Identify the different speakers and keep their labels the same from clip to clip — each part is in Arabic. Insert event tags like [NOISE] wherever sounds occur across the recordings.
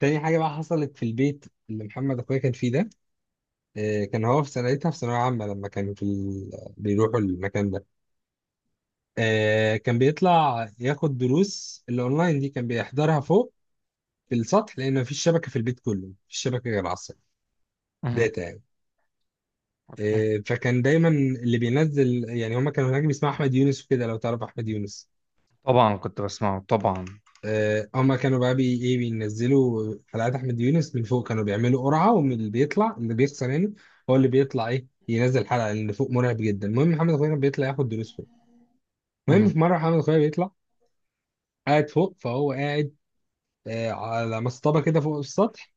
Speaker 1: تاني حاجة بقى حصلت في البيت اللي محمد أخويا كان فيه ده. كان هو في سنتها في ثانوية عامة لما كانوا في بيروحوا المكان ده. كان بيطلع ياخد دروس الأونلاين دي، كان بيحضرها فوق في السطح لأن مفيش شبكة، في البيت كله مفيش شبكة غير على السطح.
Speaker 2: مهم.
Speaker 1: داتا يعني.
Speaker 2: اوكي.
Speaker 1: فكان دايما اللي بينزل يعني، هما كانوا هناك بيسمعوا أحمد يونس وكده، لو تعرف أحمد يونس.
Speaker 2: طبعا كنت بسمعه طبعا.
Speaker 1: هما كانوا بقى بي ايه بينزلوا حلقات احمد يونس من فوق، كانوا بيعملوا قرعه ومن اللي بيطلع اللي بيخسر يعني هو اللي بيطلع ينزل حلقه، اللي فوق مرعب جدا. المهم محمد اخويا كان بيطلع ياخد دروس فوق. المهم
Speaker 2: مهم.
Speaker 1: في مره محمد اخويا بيطلع، قاعد فوق، فهو قاعد على مصطبه كده فوق السطح،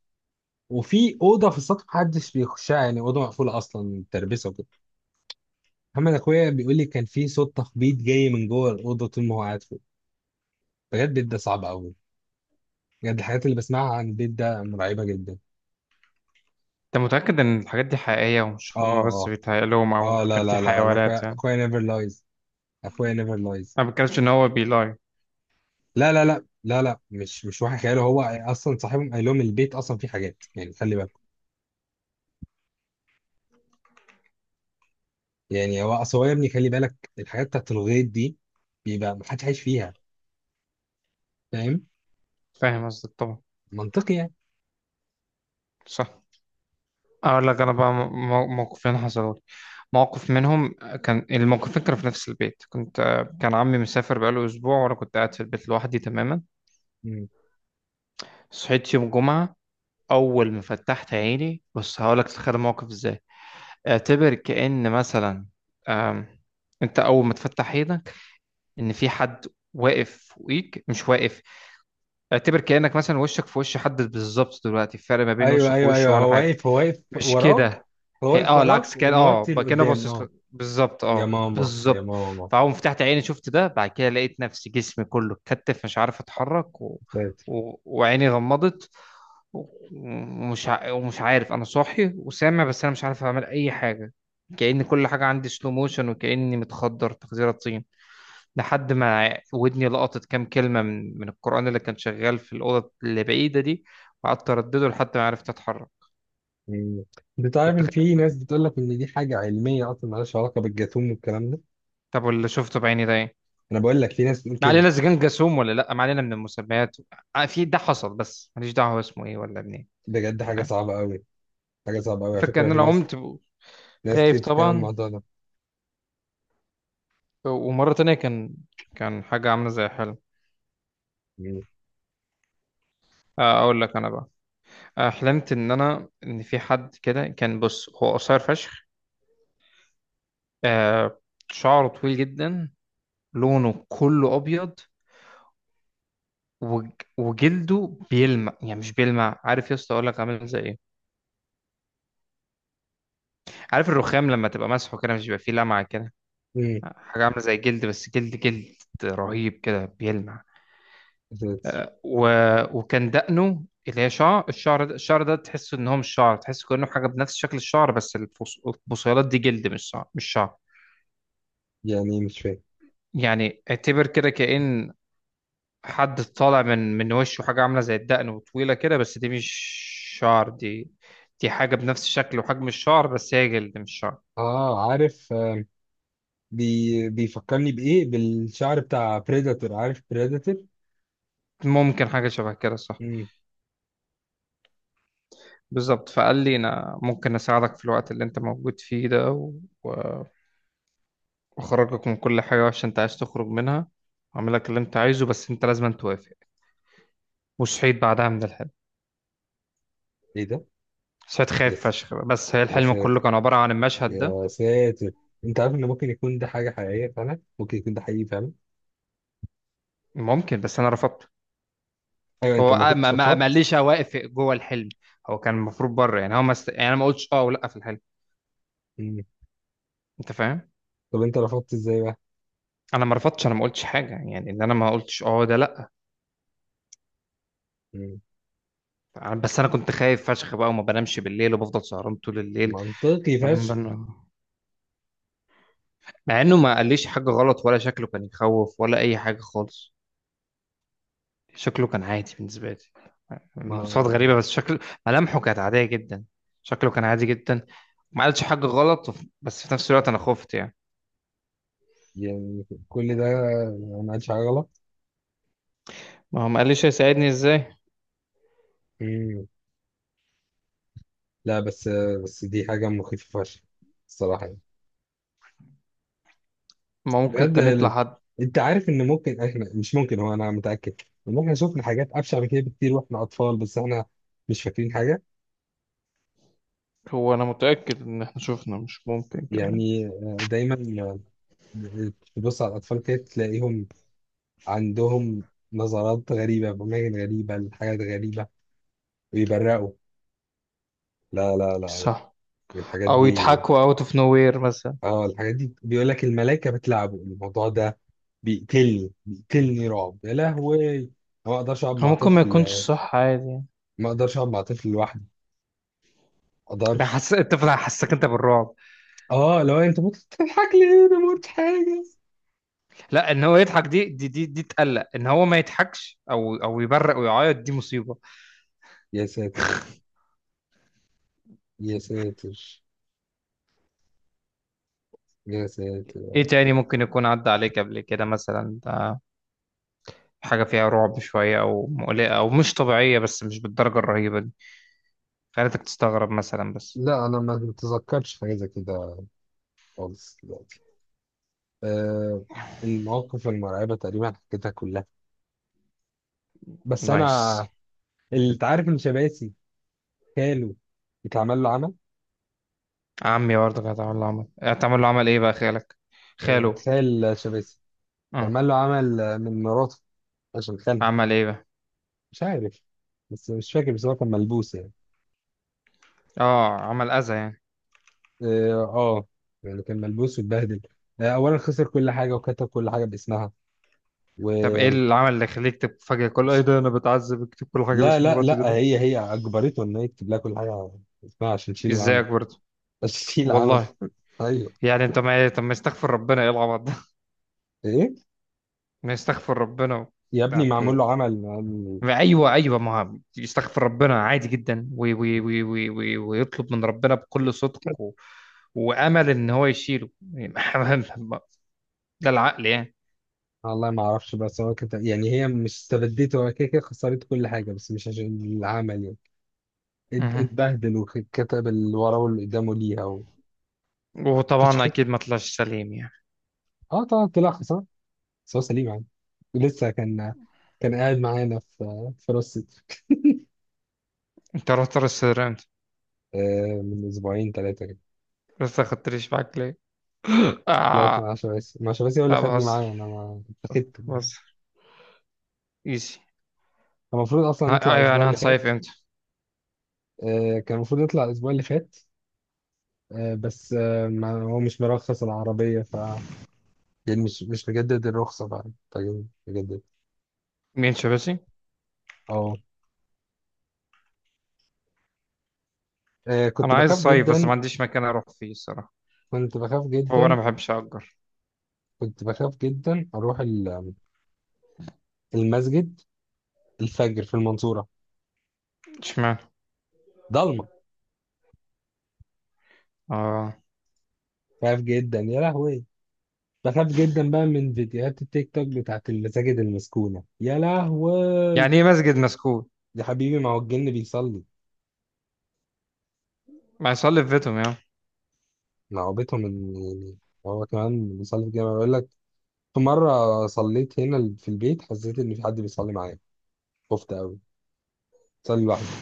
Speaker 1: وفي اوضه في السطح محدش بيخشها، يعني اوضه مقفوله اصلا تربسه وكده. محمد اخويا بيقول لي كان في صوت تخبيط جاي من جوه الاوضه طول ما هو قاعد فوق. بجد البيت ده صعب قوي، بجد الحاجات اللي بسمعها عن البيت ده مرعبه جدا.
Speaker 2: انت متأكد ان الحاجات دي حقيقية ومش
Speaker 1: اه،
Speaker 2: هما بس
Speaker 1: آه.
Speaker 2: بيتهيأ لهم او
Speaker 1: اه، لا،
Speaker 2: كان في
Speaker 1: لا، لا، انا
Speaker 2: حيوانات
Speaker 1: اخويا
Speaker 2: يعني؟
Speaker 1: اخويا نيفر لايز، اخويا نيفر لايز.
Speaker 2: انا ما بتكلمش ان هو بيلاي.
Speaker 1: لا، لا، لا، لا، لا، مش واحد خياله، هو اصلا صاحبهم قال لهم البيت اصلا فيه حاجات، يعني خلي بالك، يعني هو اصل هو يا ابني خلي بالك الحاجات بتاعت الغيط دي بيبقى ما حدش عايش فيها. فاهم؟
Speaker 2: فاهم قصدك طبعا.
Speaker 1: منطقي يعني.
Speaker 2: صح. اقول لك انا بقى موقفين حصلوا لي، موقف منهم. كان الموقفين كانوا في نفس البيت. كنت، كان عمي مسافر بقاله اسبوع وانا كنت قاعد في البيت لوحدي تماما.
Speaker 1: مم.
Speaker 2: صحيت يوم جمعة. اول ما فتحت عيني، بص هقول لك تتخيل الموقف ازاي. اعتبر كأن مثلا، آم، انت اول ما تفتح عينك ان في حد واقف فوقيك. مش واقف، اعتبر كأنك مثلا وشك في وش حد بالظبط. دلوقتي الفرق ما بين
Speaker 1: ايوه،
Speaker 2: وشك
Speaker 1: ايوه،
Speaker 2: ووشه
Speaker 1: ايوه،
Speaker 2: ولا
Speaker 1: هو
Speaker 2: حاجة.
Speaker 1: واقف، هو واقف
Speaker 2: مش
Speaker 1: وراك،
Speaker 2: كده.
Speaker 1: هو
Speaker 2: هي
Speaker 1: واقف
Speaker 2: العكس،
Speaker 1: وراك
Speaker 2: كان
Speaker 1: وموطي
Speaker 2: بقى كده
Speaker 1: لقدام،
Speaker 2: باصص لك بالظبط،
Speaker 1: يا
Speaker 2: اه
Speaker 1: ماما، يا
Speaker 2: بالظبط.
Speaker 1: ماما.
Speaker 2: فاول ما فتحت عيني شفت ده. بعد كده لقيت نفسي، جسمي كله اتكتف، مش عارف اتحرك
Speaker 1: ساتر.
Speaker 2: وعيني غمضت و- ومش ومش عارف انا صاحي وسامع بس انا مش عارف اعمل اي حاجة. كأن كل حاجة عندي سلو موشن وكأني متخدر تخديرة طين. لحد ما ودني لقطت كام كلمة من القرآن اللي كان شغال في الأوضة اللي بعيدة دي، وقعدت أردده لحد ما عرفت أتحرك.
Speaker 1: مم. انت عارف
Speaker 2: كنت
Speaker 1: ان في ناس
Speaker 2: خايف.
Speaker 1: بتقول لك ان دي حاجه علميه اصلا، مالهاش علاقه بالجاثوم والكلام ده.
Speaker 2: طب واللي شفته بعيني ده إيه؟
Speaker 1: انا بقول لك في ناس بتقول
Speaker 2: ما
Speaker 1: كده.
Speaker 2: علينا إذا كان جاسوم ولا لأ، ما علينا من المسميات. آه، في ده حصل بس ماليش دعوة هو اسمه إيه ولا منين.
Speaker 1: بجد
Speaker 2: أنت
Speaker 1: حاجة
Speaker 2: فاهم.
Speaker 1: صعبة أوي، حاجة صعبة أوي، على
Speaker 2: الفكرة
Speaker 1: فكرة
Speaker 2: إن
Speaker 1: في
Speaker 2: أنا
Speaker 1: ناس،
Speaker 2: قمت
Speaker 1: ناس كتير
Speaker 2: خايف
Speaker 1: بتتكلم عن
Speaker 2: طبعا.
Speaker 1: الموضوع ده.
Speaker 2: ومرة تانية كان، كان حاجة عاملة زي حلم.
Speaker 1: مم.
Speaker 2: آه، أقول لك أنا بقى. آه، حلمت إن أنا، إن في حد كده كان بص. هو قصير فشخ، آه، شعره طويل جدا، لونه كله ابيض، وج- وجلده بيلمع. يعني مش بيلمع، عارف يا اسطى اقول لك عامل زي ايه؟ عارف الرخام لما تبقى مسحه كده مش بيبقى فيه لمعه كده؟
Speaker 1: مم.
Speaker 2: حاجه عامله زي جلد، بس جلد جلد رهيب كده بيلمع. و... وكان دقنه اللي هي شعر، الشعر ده، الشعر ده تحسه ان هو مش شعر، تحسه كانه حاجه بنفس شكل الشعر بس البصيلات دي جلد مش شعر، مش شعر.
Speaker 1: يعني إيه؟ مش فاهم.
Speaker 2: يعني اعتبر كده كأن حد طالع من وشه حاجة عاملة زي الدقن وطويلة كده، بس دي مش شعر. دي، دي حاجة بنفس شكل وحجم الشعر بس هي جلد مش شعر.
Speaker 1: اه، عارف. بيفكرني بإيه؟ بالشعر بتاع بريداتور، عارف بريداتور؟
Speaker 2: ممكن حاجة شبه كده، صح.
Speaker 1: مم.
Speaker 2: بالظبط. فقال لي أنا ممكن أساعدك في الوقت اللي أنت موجود فيه ده و- وأخرجك من كل حاجة وحشة أنت عايز تخرج منها وأعمل لك اللي أنت عايزه، بس أنت لازم توافق. وصحيت بعدها من الحلم.
Speaker 1: إيه ده؟
Speaker 2: صحيت خايف
Speaker 1: يس.
Speaker 2: فشخ بس هي
Speaker 1: يا
Speaker 2: الحلم
Speaker 1: ساتر.
Speaker 2: كله كان عبارة عن المشهد ده.
Speaker 1: يا ساتر. أنت عارف إن ممكن يكون ده حاجة حقيقية فعلا، ممكن يكون ده حقيقي فعلا.
Speaker 2: ممكن، بس أنا رفضت.
Speaker 1: أيوة، أنت
Speaker 2: هو
Speaker 1: ما
Speaker 2: آه، ما
Speaker 1: كنتش
Speaker 2: ما ما
Speaker 1: رفضت.
Speaker 2: ليش واقف جوه الحلم، هو كان المفروض بره. يعني هو ما است... يعني انا ما قلتش اه ولا في الحلم.
Speaker 1: مم.
Speaker 2: انت فاهم.
Speaker 1: طب أنت رفضت إزاي بقى؟
Speaker 2: انا ما رفضتش، انا ما قلتش حاجه. يعني ان انا ما قلتش اه، ده لا.
Speaker 1: مم.
Speaker 2: بس انا كنت خايف فشخ بقى، وما بنامش بالليل وبفضل سهران طول الليل،
Speaker 1: منطقي
Speaker 2: بنام
Speaker 1: فشخ.
Speaker 2: بنام. مع انه ما قاليش حاجه غلط، ولا شكله كان يخوف، ولا اي حاجه خالص. شكله كان عادي بالنسبه لي.
Speaker 1: ما
Speaker 2: مواصفات غريبه بس شكله، ملامحه كانت عاديه جدا. شكله كان عادي جدا. ما قالش حاجه غلط بس في نفس الوقت انا خفت يعني.
Speaker 1: يعني كل ده ما عملش حاجة غلط.
Speaker 2: ما هو ما قاليش هيساعدني ازاي.
Speaker 1: لا، بس، بس دي حاجة مخيفة فشخ الصراحة يعني.
Speaker 2: ما ممكن
Speaker 1: بجد
Speaker 2: كان يطلع
Speaker 1: ال-
Speaker 2: حد.
Speaker 1: انت عارف ان ممكن احنا، مش ممكن، هو انا متأكد ان احنا شفنا حاجات ابشع من كده بكتير واحنا اطفال، بس احنا مش فاكرين حاجة.
Speaker 2: هو انا متأكد ان احنا شفنا، مش ممكن كمان.
Speaker 1: يعني دايما تبص على الاطفال كده تلاقيهم عندهم نظرات غريبة بأماكن غريبة لحاجات غريبة، ويبرقوا. لا، لا،
Speaker 2: مش
Speaker 1: لا،
Speaker 2: صح.
Speaker 1: لا، الحاجات
Speaker 2: او
Speaker 1: دي،
Speaker 2: يضحكوا اوت اوف نو وير مثلا.
Speaker 1: اه الحاجات دي بيقول لك الملايكة بتلعبه الموضوع ده. بيقتلني، بيقتلني رعب يا لهوي أنا. ما اقدرش اقعد
Speaker 2: هو
Speaker 1: مع
Speaker 2: ممكن ما
Speaker 1: طفل،
Speaker 2: يكونش صح عادي يعني.
Speaker 1: ما اقدرش اقعد مع طفل لوحدي، ما اقدرش.
Speaker 2: بحس انت حسك انت بالرعب.
Speaker 1: اه، لو انت ممكن تضحك ليه، انا ما قلتش حاجة.
Speaker 2: لا، ان هو يضحك دي، دي تقلق. ان هو ما يضحكش او او يبرق ويعيط دي مصيبه.
Speaker 1: يا ساتر، يا ساتر، يا ساتر.
Speaker 2: ايه تاني ممكن يكون عدى عليك قبل كده مثلا؟ ده حاجه فيها رعب شويه او مقلقه او مش طبيعيه بس مش بالدرجه الرهيبه دي، خلتك تستغرب مثلا بس.
Speaker 1: لا، انا ما بتذكرش حاجة زي كده خالص دلوقتي. آه المواقف المرعبة تقريبا حكيتها كلها. بس
Speaker 2: نايس.
Speaker 1: انا، اللي انت عارف ان شباسي، خاله اتعمل له عمل.
Speaker 2: عمي برضه كانت عامله عمل. هتعمل له عمل ايه بقى؟ خالك؟
Speaker 1: آه،
Speaker 2: خاله؟
Speaker 1: خال شباسي.
Speaker 2: آه.
Speaker 1: فعمل له عمل من مراته عشان خالها.
Speaker 2: عمل ايه بقى؟
Speaker 1: مش عارف، بس مش فاكر، بس هو كان ملبوس يعني.
Speaker 2: اه عمل اذى يعني.
Speaker 1: اه، آه. يعني كان ملبوس واتبهدل، اولا خسر كل حاجه وكتب كل حاجه باسمها و
Speaker 2: طب ايه اللي عمل اللي يخليك تكتب فجأة كل ايه ده؟ انا بتعذب اكتب كل حاجة
Speaker 1: لا،
Speaker 2: باسم
Speaker 1: لا،
Speaker 2: مراتي
Speaker 1: لا،
Speaker 2: دلوقتي؟
Speaker 1: هي اجبرته ان هي يكتب لها كل حاجه اسمها عشان تشيل العمل،
Speaker 2: ازيك برضه.
Speaker 1: عشان تشيل العمل.
Speaker 2: والله.
Speaker 1: [LAUGHS] ايوه.
Speaker 2: يعني انت ما إيه، طب ما يستغفر ربنا، ايه العبط ده؟
Speaker 1: ايه؟
Speaker 2: [LAUGHS] ما يستغفر ربنا
Speaker 1: يا ابني معمول
Speaker 2: طب،
Speaker 1: له عمل،
Speaker 2: ما ايوه ايوه ما هو يستغفر ربنا عادي جدا، وي وي وي وي وي، ويطلب من ربنا بكل صدق وامل ان هو يشيله يعني. [LAUGHS] ده العقل يعني.
Speaker 1: والله ما اعرفش، بس هو كده يعني، هي مش استبدته، هو كده كده خسرت كل حاجه، بس مش عشان العمل يعني،
Speaker 2: مهم.
Speaker 1: اتبهدل وكتب اللي وراه واللي قدامه ليها
Speaker 2: وطبعا اكيد
Speaker 1: وفشخت.
Speaker 2: ما طلعش سليم يعني.
Speaker 1: اه طبعا، طلع خسران، بس هو سليم يعني، لسه كان، كان قاعد معانا في راس سدر.
Speaker 2: انت رحت رستورانت؟
Speaker 1: من اسبوعين ثلاثه كده.
Speaker 2: لسه خدتليش معاك؟ [GASPS]
Speaker 1: طلعت
Speaker 2: آه.
Speaker 1: مع شباسي، مع شباسي، هو اللي
Speaker 2: لا
Speaker 1: خدني
Speaker 2: بهزر،
Speaker 1: معاه، انا ما اتخذت يعني.
Speaker 2: بهزر. ايزي.
Speaker 1: كان المفروض اصلا نطلع
Speaker 2: ايوه،
Speaker 1: الاسبوع
Speaker 2: انا
Speaker 1: اللي
Speaker 2: هنصيف
Speaker 1: فات،
Speaker 2: امتى؟
Speaker 1: كان المفروض نطلع الاسبوع اللي فات، بس ما هو مش مرخص العربيه، يعني مش مجدد الرخصه بقى. طيب مجدد.
Speaker 2: مين شبسي؟
Speaker 1: اه. كنت
Speaker 2: انا عايز
Speaker 1: بخاف
Speaker 2: اصيف بس
Speaker 1: جدا،
Speaker 2: ما عنديش مكان اروح فيه الصراحه.
Speaker 1: كنت بخاف
Speaker 2: هو انا
Speaker 1: جدا،
Speaker 2: ما بحبش اجر.
Speaker 1: كنت بخاف جدا اروح المسجد الفجر في المنصوره،
Speaker 2: اشمعنى؟
Speaker 1: ضلمه.
Speaker 2: اه.
Speaker 1: بخاف جدا يا لهوي، بخاف جدا بقى من فيديوهات التيك توك بتاعت المساجد المسكونه يا لهوي.
Speaker 2: يعني ايه مسجد مسكون؟
Speaker 1: يا حبيبي ما هو الجن بيصلي.
Speaker 2: ما يصلي في بيتهم يا عم.
Speaker 1: لعبتهم ان يعني هو كمان بيصلي في الجامع، بيقول لك في مره صليت هنا في البيت، حسيت ان في حد بيصلي معايا. خفت قوي. صلي لوحدي.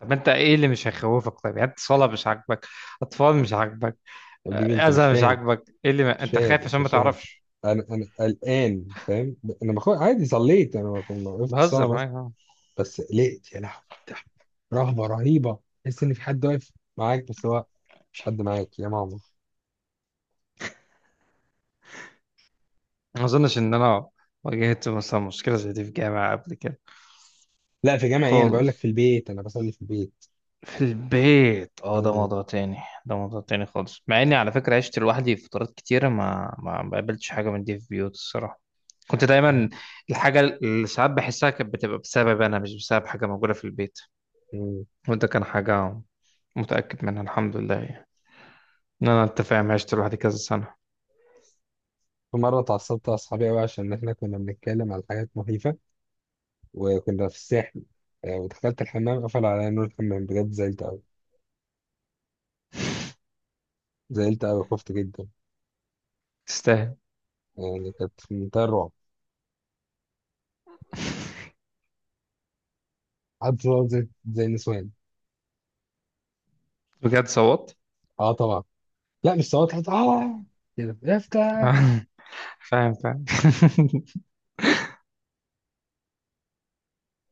Speaker 2: طب انت ايه اللي مش هيخوفك طيب؟ يعني انت صلاه مش عاجبك، اطفال مش عاجبك،
Speaker 1: يا حبيبي
Speaker 2: آه،
Speaker 1: انت مش
Speaker 2: اذى مش
Speaker 1: فاهم،
Speaker 2: عاجبك، ايه اللي ما...
Speaker 1: مش
Speaker 2: انت
Speaker 1: فاهم،
Speaker 2: خايف
Speaker 1: انت
Speaker 2: عشان ما
Speaker 1: مش فاهم.
Speaker 2: تعرفش.
Speaker 1: انا قلقان فاهم. انا بخاف عادي، صليت، انا ما وقفت
Speaker 2: بهزر
Speaker 1: الصلاه،
Speaker 2: معاك آه.
Speaker 1: بس قلقت يا لهوي. إيه ده؟ رهبة رهيبة، تحس ان في حد واقف معاك بس هو مش حد معاك يا ماما.
Speaker 2: ما اظنش ان انا واجهت مثلا مشكله زي دي في جامعه قبل كده.
Speaker 1: لا، في جامعة ايه؟ انا بقول لك في
Speaker 2: خالص.
Speaker 1: البيت، انا بصلي في البيت.
Speaker 2: في البيت اه ده
Speaker 1: مم.
Speaker 2: موضوع تاني. ده موضوع تاني خالص، مع اني على فكرة عشت لوحدي في فترات كتيرة، ما قابلتش حاجة من دي في بيوت الصراحة. كنت دايما، الحاجة اللي ساعات بحسها كانت بتبقى بسبب انا مش بسبب حاجة موجودة في البيت.
Speaker 1: مم.
Speaker 2: وده كان حاجة متأكد منها الحمد لله يعني. ان انا، انت فاهم، عشت لوحدي كذا سنة.
Speaker 1: في مرة اتعصبت على اصحابي قوي عشان احنا كنا بنتكلم على حاجات مخيفة، وكنا في الساحل. ودخلت الحمام قفل عليا نور الحمام، بجد زعلت قوي، زعلت قوي، خفت جدا،
Speaker 2: تستاهل.
Speaker 1: يعني كانت في منتهى الرعب. قعدت صوت زي النسوان.
Speaker 2: بجد صوت؟
Speaker 1: اه طبعا. لا، مش صوت حتى، كده افتح
Speaker 2: [LAUGHS] فاهم فاهم. [LAUGHS]